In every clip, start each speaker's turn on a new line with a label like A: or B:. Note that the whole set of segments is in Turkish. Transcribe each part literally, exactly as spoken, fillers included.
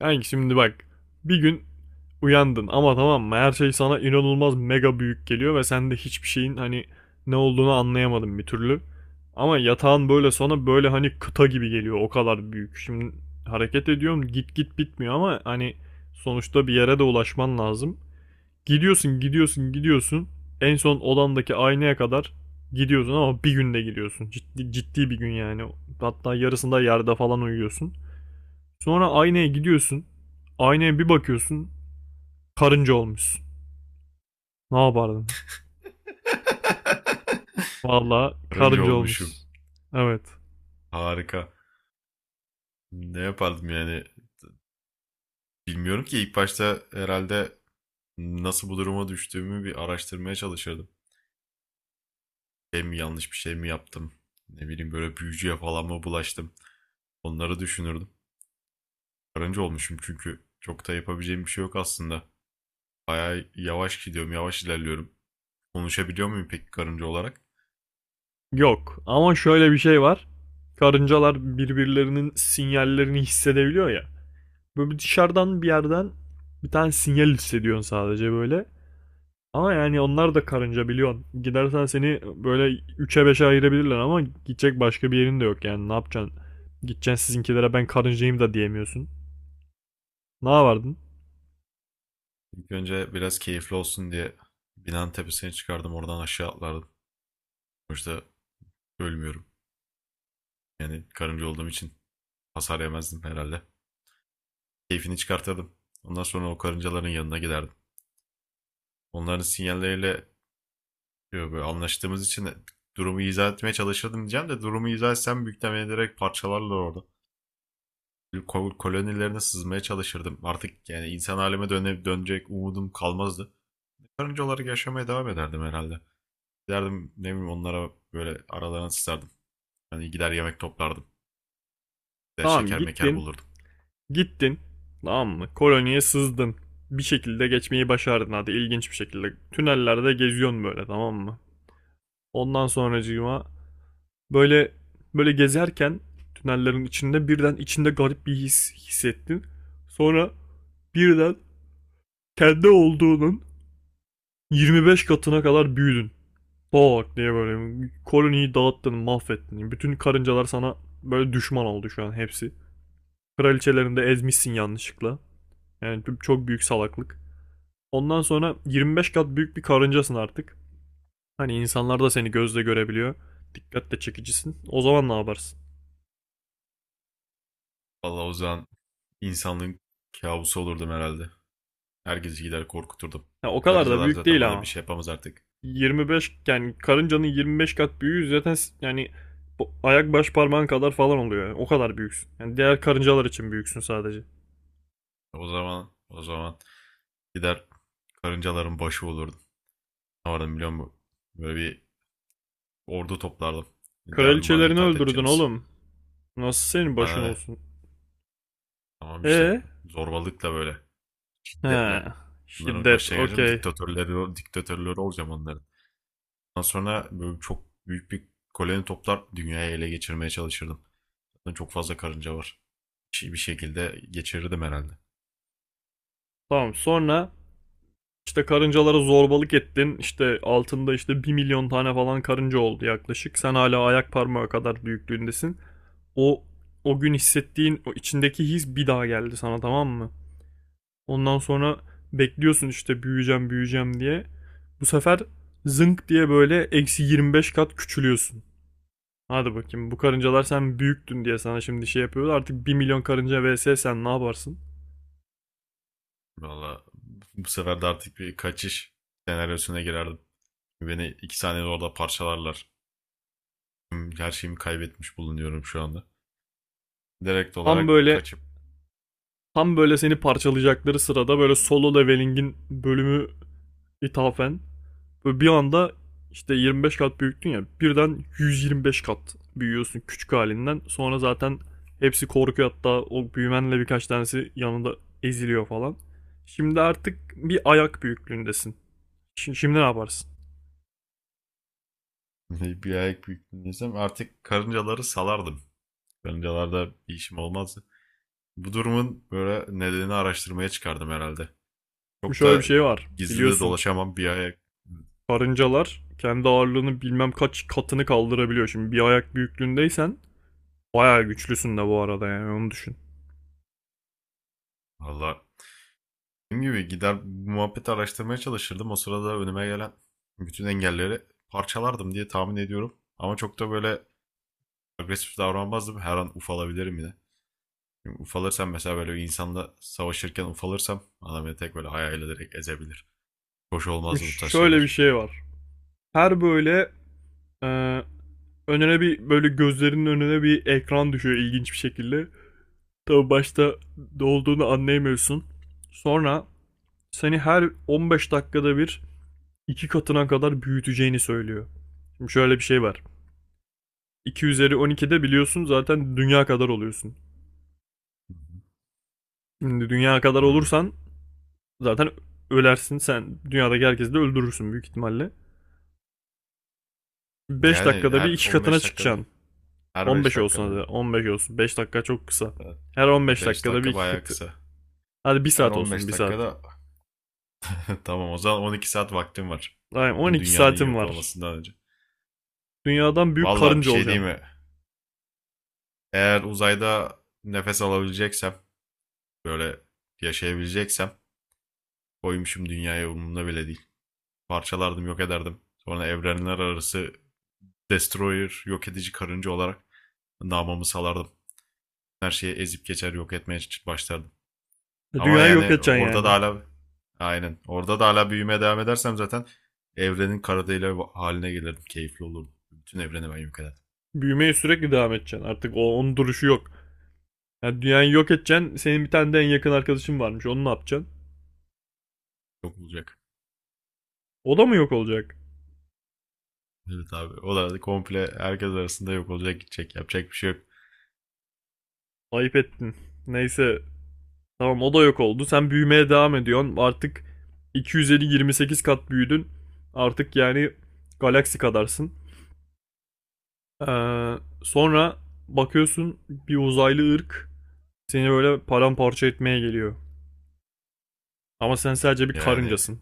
A: Yani şimdi bak bir gün uyandın, ama tamam mı, her şey sana inanılmaz mega büyük geliyor ve sen de hiçbir şeyin hani ne olduğunu anlayamadın bir türlü. Ama yatağın böyle sana böyle hani kıta gibi geliyor, o kadar büyük. Şimdi hareket ediyorum, git git bitmiyor ama hani sonuçta bir yere de ulaşman lazım. Gidiyorsun gidiyorsun gidiyorsun, en son odandaki aynaya kadar gidiyorsun ama bir günde gidiyorsun. Ciddi, ciddi bir gün yani, hatta yarısında yerde falan uyuyorsun. Sonra aynaya gidiyorsun. Aynaya bir bakıyorsun. Karınca olmuşsun. Ne yapardın? Vallahi
B: Karınca
A: karınca
B: olmuşum.
A: olmuşsun. Evet.
B: Harika. Ne yapardım yani? Bilmiyorum ki ilk başta herhalde nasıl bu duruma düştüğümü bir araştırmaya çalışırdım. Şey mi Yanlış bir şey mi yaptım? Ne bileyim, böyle büyücüye falan mı bulaştım? Onları düşünürdüm. Karınca olmuşum, çünkü çok da yapabileceğim bir şey yok aslında. Bayağı yavaş gidiyorum, yavaş ilerliyorum. Konuşabiliyor muyum peki karınca olarak?
A: Yok ama şöyle bir şey var. Karıncalar birbirlerinin sinyallerini hissedebiliyor ya. Böyle bir dışarıdan bir yerden bir tane sinyal hissediyorsun sadece böyle. Ama yani onlar da karınca biliyorsun. Gidersen seni böyle üçe beşe ayırabilirler ama gidecek başka bir yerin de yok, yani ne yapacaksın? Gideceksin sizinkilere ben karıncayım da diyemiyorsun. Ne yapardın?
B: İlk önce biraz keyifli olsun diye binanın tepesine çıkardım, oradan aşağı atlardım. Sonuçta ölmüyorum. Yani karınca olduğum için hasar yemezdim herhalde. Keyfini çıkartırdım. Ondan sonra o karıncaların yanına giderdim. Onların sinyalleriyle e, böyle anlaştığımız için durumu izah etmeye çalışırdım diyeceğim de, durumu izah etsem büyük ihtimalle direkt parçalarlar orada. Kolonilerine sızmaya çalışırdım. Artık yani insan halime döne, dönecek umudum kalmazdı. Karınca olarak yaşamaya devam ederdim herhalde. Giderdim, ne bileyim, onlara böyle aralarına sızardım. Hani gider yemek toplardım. Gider
A: Tamam,
B: şeker meker
A: gittin.
B: bulurdum.
A: Gittin. Tamam mı? Koloniye sızdın. Bir şekilde geçmeyi başardın hadi, ilginç bir şekilde. Tünellerde geziyorsun böyle, tamam mı? Ondan sonracığıma böyle böyle gezerken tünellerin içinde birden içinde garip bir his hissettin. Sonra birden kendi olduğunun yirmi beş katına kadar büyüdün. Bak diye böyle koloniyi dağıttın, mahvettin. Bütün karıncalar sana böyle düşman oldu şu an, hepsi. Kraliçelerini de ezmişsin yanlışlıkla. Yani çok büyük salaklık. Ondan sonra yirmi beş kat büyük bir karıncasın artık. Hani insanlar da seni gözle görebiliyor. Dikkatle çekicisin. O zaman ne yaparsın?
B: Vallahi o zaman insanlığın kabusu olurdum herhalde. Herkesi gider korkuturdum.
A: Ya o kadar da
B: Karıncalar
A: büyük
B: zaten
A: değil
B: bana bir
A: ama.
B: şey yapamaz artık.
A: yirmi beş, yani karıncanın yirmi beş kat büyüğü zaten yani ayak baş parmağın kadar falan oluyor yani. O kadar büyüksün. Yani diğer karıncalar için büyüksün sadece.
B: O zaman o zaman gider karıncaların başı olurdum. Ne vardım biliyor musun? Böyle bir ordu toplardım. Derdim bana
A: Kraliçelerini
B: itaat
A: öldürdün
B: edeceğiniz.
A: oğlum. Nasıl senin başın
B: Bana ne?
A: olsun?
B: Tamam işte,
A: E?
B: zorbalıkla, böyle
A: He.
B: şiddetle. Bunların
A: Şiddet.
B: başına geleceğim.
A: Okey.
B: Diktatörleri, diktatörleri olacağım onların. Ondan sonra böyle çok büyük bir koloni toplar, dünyayı ele geçirmeye çalışırdım. Zaten çok fazla karınca var. Bir şey- bir şekilde geçirirdim herhalde.
A: Tamam. Sonra İşte karıncalara zorbalık ettin. İşte altında işte bir milyon tane falan karınca oldu yaklaşık. Sen hala ayak parmağı kadar büyüklüğündesin. O o gün hissettiğin o içindeki his bir daha geldi sana, tamam mı? Ondan sonra bekliyorsun işte büyüyeceğim büyüyeceğim diye. Bu sefer zınk diye böyle eksi yirmi beş kat küçülüyorsun. Hadi bakayım, bu karıncalar sen büyüktün diye sana şimdi şey yapıyorlar. Artık bir milyon karınca vs, sen ne yaparsın?
B: Valla bu sefer de artık bir kaçış senaryosuna girerdim. Beni iki saniyede orada parçalarlar. Her şeyimi kaybetmiş bulunuyorum şu anda. Direkt
A: Tam
B: olarak
A: böyle
B: kaçıp
A: Tam böyle seni parçalayacakları sırada böyle Solo Leveling'in bölümü ithafen böyle bir anda işte yirmi beş kat büyüktün ya, birden yüz yirmi beş kat büyüyorsun küçük halinden. Sonra zaten hepsi korkuyor, hatta o büyümenle birkaç tanesi yanında eziliyor falan. Şimdi artık bir ayak büyüklüğündesin. Şimdi, şimdi ne yaparsın?
B: bir ayak büyüklüğündeysem artık karıncaları salardım. Karıncalarda bir işim olmazdı. Bu durumun böyle nedenini araştırmaya çıkardım herhalde.
A: Şimdi
B: Çok
A: şöyle bir
B: da
A: şey var
B: gizli de
A: biliyorsun.
B: dolaşamam bir ayak.
A: Karıncalar kendi ağırlığının bilmem kaç katını kaldırabiliyor. Şimdi bir ayak büyüklüğündeysen bayağı güçlüsün de bu arada, yani onu düşün.
B: Valla, dediğim gibi gider bu muhabbeti araştırmaya çalışırdım. O sırada önüme gelen bütün engelleri parçalardım diye tahmin ediyorum. Ama çok da böyle agresif davranmazdım. Her an ufalabilirim yine. Çünkü ufalırsam, mesela böyle insanla savaşırken ufalırsam, adam beni tek böyle hayal ederek ezebilir. Hoş
A: Şimdi
B: olmazdı bu tarz
A: şöyle bir
B: şeyler.
A: şey var. Her böyle ee, önüne bir böyle gözlerinin önüne bir ekran düşüyor ilginç bir şekilde. Tabi başta ne olduğunu anlayamıyorsun. Sonra seni her on beş dakikada bir iki katına kadar büyüteceğini söylüyor. Şimdi şöyle bir şey var. iki üzeri on ikide biliyorsun zaten dünya kadar oluyorsun. Şimdi dünya kadar
B: Hmm.
A: olursan zaten ölersin sen. Dünyadaki herkesi de öldürürsün büyük ihtimalle. beş
B: Yani
A: dakikada bir
B: her
A: iki katına
B: on beş dakikada.
A: çıkacaksın.
B: Her beş
A: on beş
B: dakikada.
A: olsun hadi. on beş olsun. beş dakika çok kısa. Her on beş
B: beş
A: dakikada bir
B: dakika
A: iki
B: bayağı
A: katı.
B: kısa.
A: Hadi bir
B: Her
A: saat olsun, bir
B: on beş
A: saat.
B: dakikada tamam, o zaman on iki saat vaktim var.
A: Aynen,
B: Bütün
A: on iki
B: dünyanın
A: saatim
B: yok
A: var.
B: olmasından önce.
A: Dünyadan büyük
B: Valla bir
A: karınca
B: şey değil
A: olacaksın.
B: mi? Eğer uzayda nefes alabileceksem, böyle yaşayabileceksem, koymuşum dünyaya, umurumda bile değil. Parçalardım, yok ederdim. Sonra evrenler arası destroyer, yok edici karınca olarak namımı salardım. Her şeyi ezip geçer, yok etmeye başlardım.
A: E,
B: Ama
A: dünyayı yok
B: yani
A: edeceksin
B: orada da
A: yani.
B: hala aynen. Orada da hala büyümeye devam edersem zaten evrenin kara delik haline gelirdim. Keyifli olurdu. Bütün evreni ben yok ederdim.
A: Büyümeye sürekli devam edeceksin. Artık o, onun duruşu yok. Yani dünyayı yok edeceksin. Senin bir tane de en yakın arkadaşın varmış. Onu ne yapacaksın?
B: Yok olacak.
A: O da mı yok olacak?
B: Evet abi. O da komple herkes arasında yok olacak, gidecek. Yapacak bir şey yok.
A: Ayıp ettin. Neyse. Tamam, o da yok oldu. Sen büyümeye devam ediyorsun. Artık iki yüz elli, yirmi sekiz kat büyüdün. Artık yani galaksi kadarsın. Ee, sonra bakıyorsun bir uzaylı ırk seni böyle paramparça etmeye geliyor. Ama sen sadece bir
B: Yani
A: karıncasın.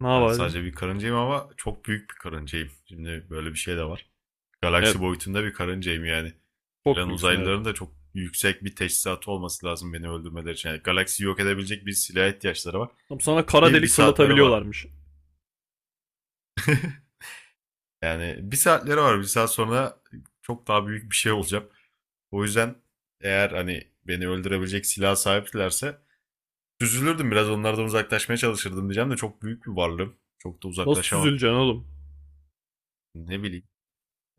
A: Ne
B: ben
A: yapacaksın?
B: sadece bir karıncayım, ama çok büyük bir karıncayım. Şimdi böyle bir şey de var. Galaksi
A: Evet.
B: boyutunda bir karıncayım yani.
A: Çok
B: Gelen
A: büyüksün, evet.
B: uzaylıların da çok yüksek bir teçhizatı olması lazım beni öldürmeleri için. Yani galaksiyi yok edebilecek bir silaha ihtiyaçları var.
A: Tam sana kara
B: Ki bir
A: delik
B: saatleri var.
A: fırlatabiliyorlarmış.
B: Yani bir saatleri var. Bir saat sonra çok daha büyük bir şey olacağım. O yüzden eğer hani beni öldürebilecek silah sahiplerse, süzülürdüm, biraz onlardan uzaklaşmaya çalışırdım diyeceğim de, çok büyük bir varlığım. Çok da
A: Nasıl
B: uzaklaşamam.
A: süzüleceksin oğlum?
B: Ne bileyim,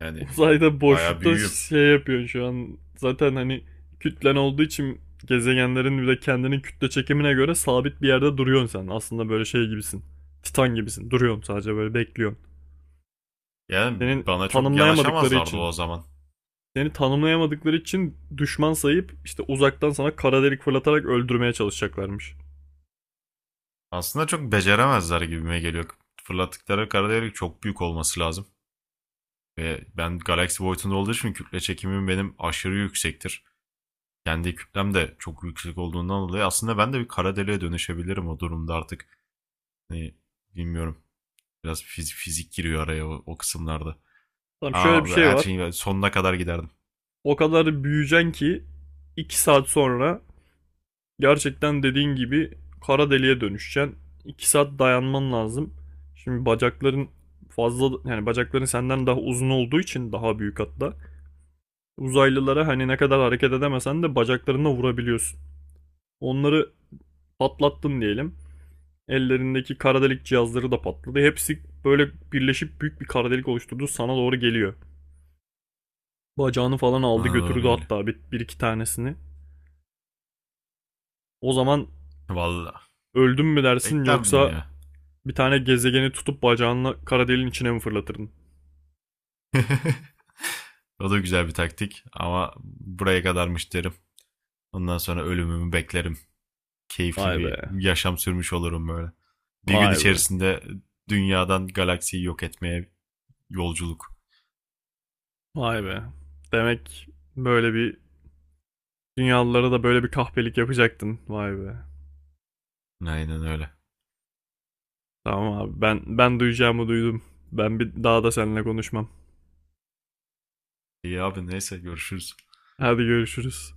A: Uzayda
B: bayağı
A: boşlukta
B: büyüğüm.
A: şey yapıyorsun şu an. Zaten hani kütlen olduğu için gezegenlerin bir de kendinin kütle çekimine göre sabit bir yerde duruyorsun sen. Aslında böyle şey gibisin. Titan gibisin. Duruyorsun sadece, böyle bekliyorsun.
B: Yani
A: Senin
B: bana çok
A: tanımlayamadıkları
B: yanaşamazlardı
A: için
B: o zaman.
A: seni tanımlayamadıkları için düşman sayıp işte uzaktan sana kara delik fırlatarak öldürmeye çalışacaklarmış.
B: Aslında çok beceremezler gibime geliyor. Fırlattıkları kara delik çok büyük olması lazım. Ve ben galaksi boyutunda olduğu için kütle çekimim benim aşırı yüksektir. Kendi kütlem de çok yüksek olduğundan dolayı aslında ben de bir kara deliğe dönüşebilirim o durumda artık. Hani bilmiyorum. Biraz fiz- fizik giriyor araya o, o kısımlarda.
A: Tamam, şöyle bir
B: Ama böyle
A: şey
B: her
A: var.
B: şeyin böyle sonuna kadar giderdim.
A: O kadar büyüyeceksin ki iki saat sonra gerçekten dediğin gibi kara deliğe dönüşeceksin. iki saat dayanman lazım. Şimdi bacakların fazla, yani bacakların senden daha uzun olduğu için daha büyük hatta. Uzaylılara hani ne kadar hareket edemesen de bacaklarına vurabiliyorsun. Onları patlattın diyelim. Ellerindeki kara delik cihazları da patladı. Hepsi böyle birleşip büyük bir kara delik oluşturdu. Sana doğru geliyor. Bacağını falan aldı
B: Bana doğru
A: götürdü,
B: geliyor.
A: hatta bir, bir iki tanesini. O zaman
B: Vallahi
A: öldüm mü dersin,
B: beklerdim
A: yoksa
B: ya.
A: bir tane gezegeni tutup bacağınla kara deliğin içine mi fırlatırdın?
B: O da güzel bir taktik ama buraya kadarmış derim. Ondan sonra ölümümü beklerim. Keyifli
A: Vay be.
B: bir yaşam sürmüş olurum böyle. Bir gün
A: Vay be.
B: içerisinde dünyadan galaksiyi yok etmeye yolculuk.
A: Vay be. Demek böyle bir dünyalılara da böyle bir kahpelik yapacaktın. Vay be.
B: Aynen öyle.
A: Tamam abi, ben ben duyacağımı duydum. Ben bir daha da seninle konuşmam.
B: İyi abi, neyse, görüşürüz.
A: Hadi görüşürüz.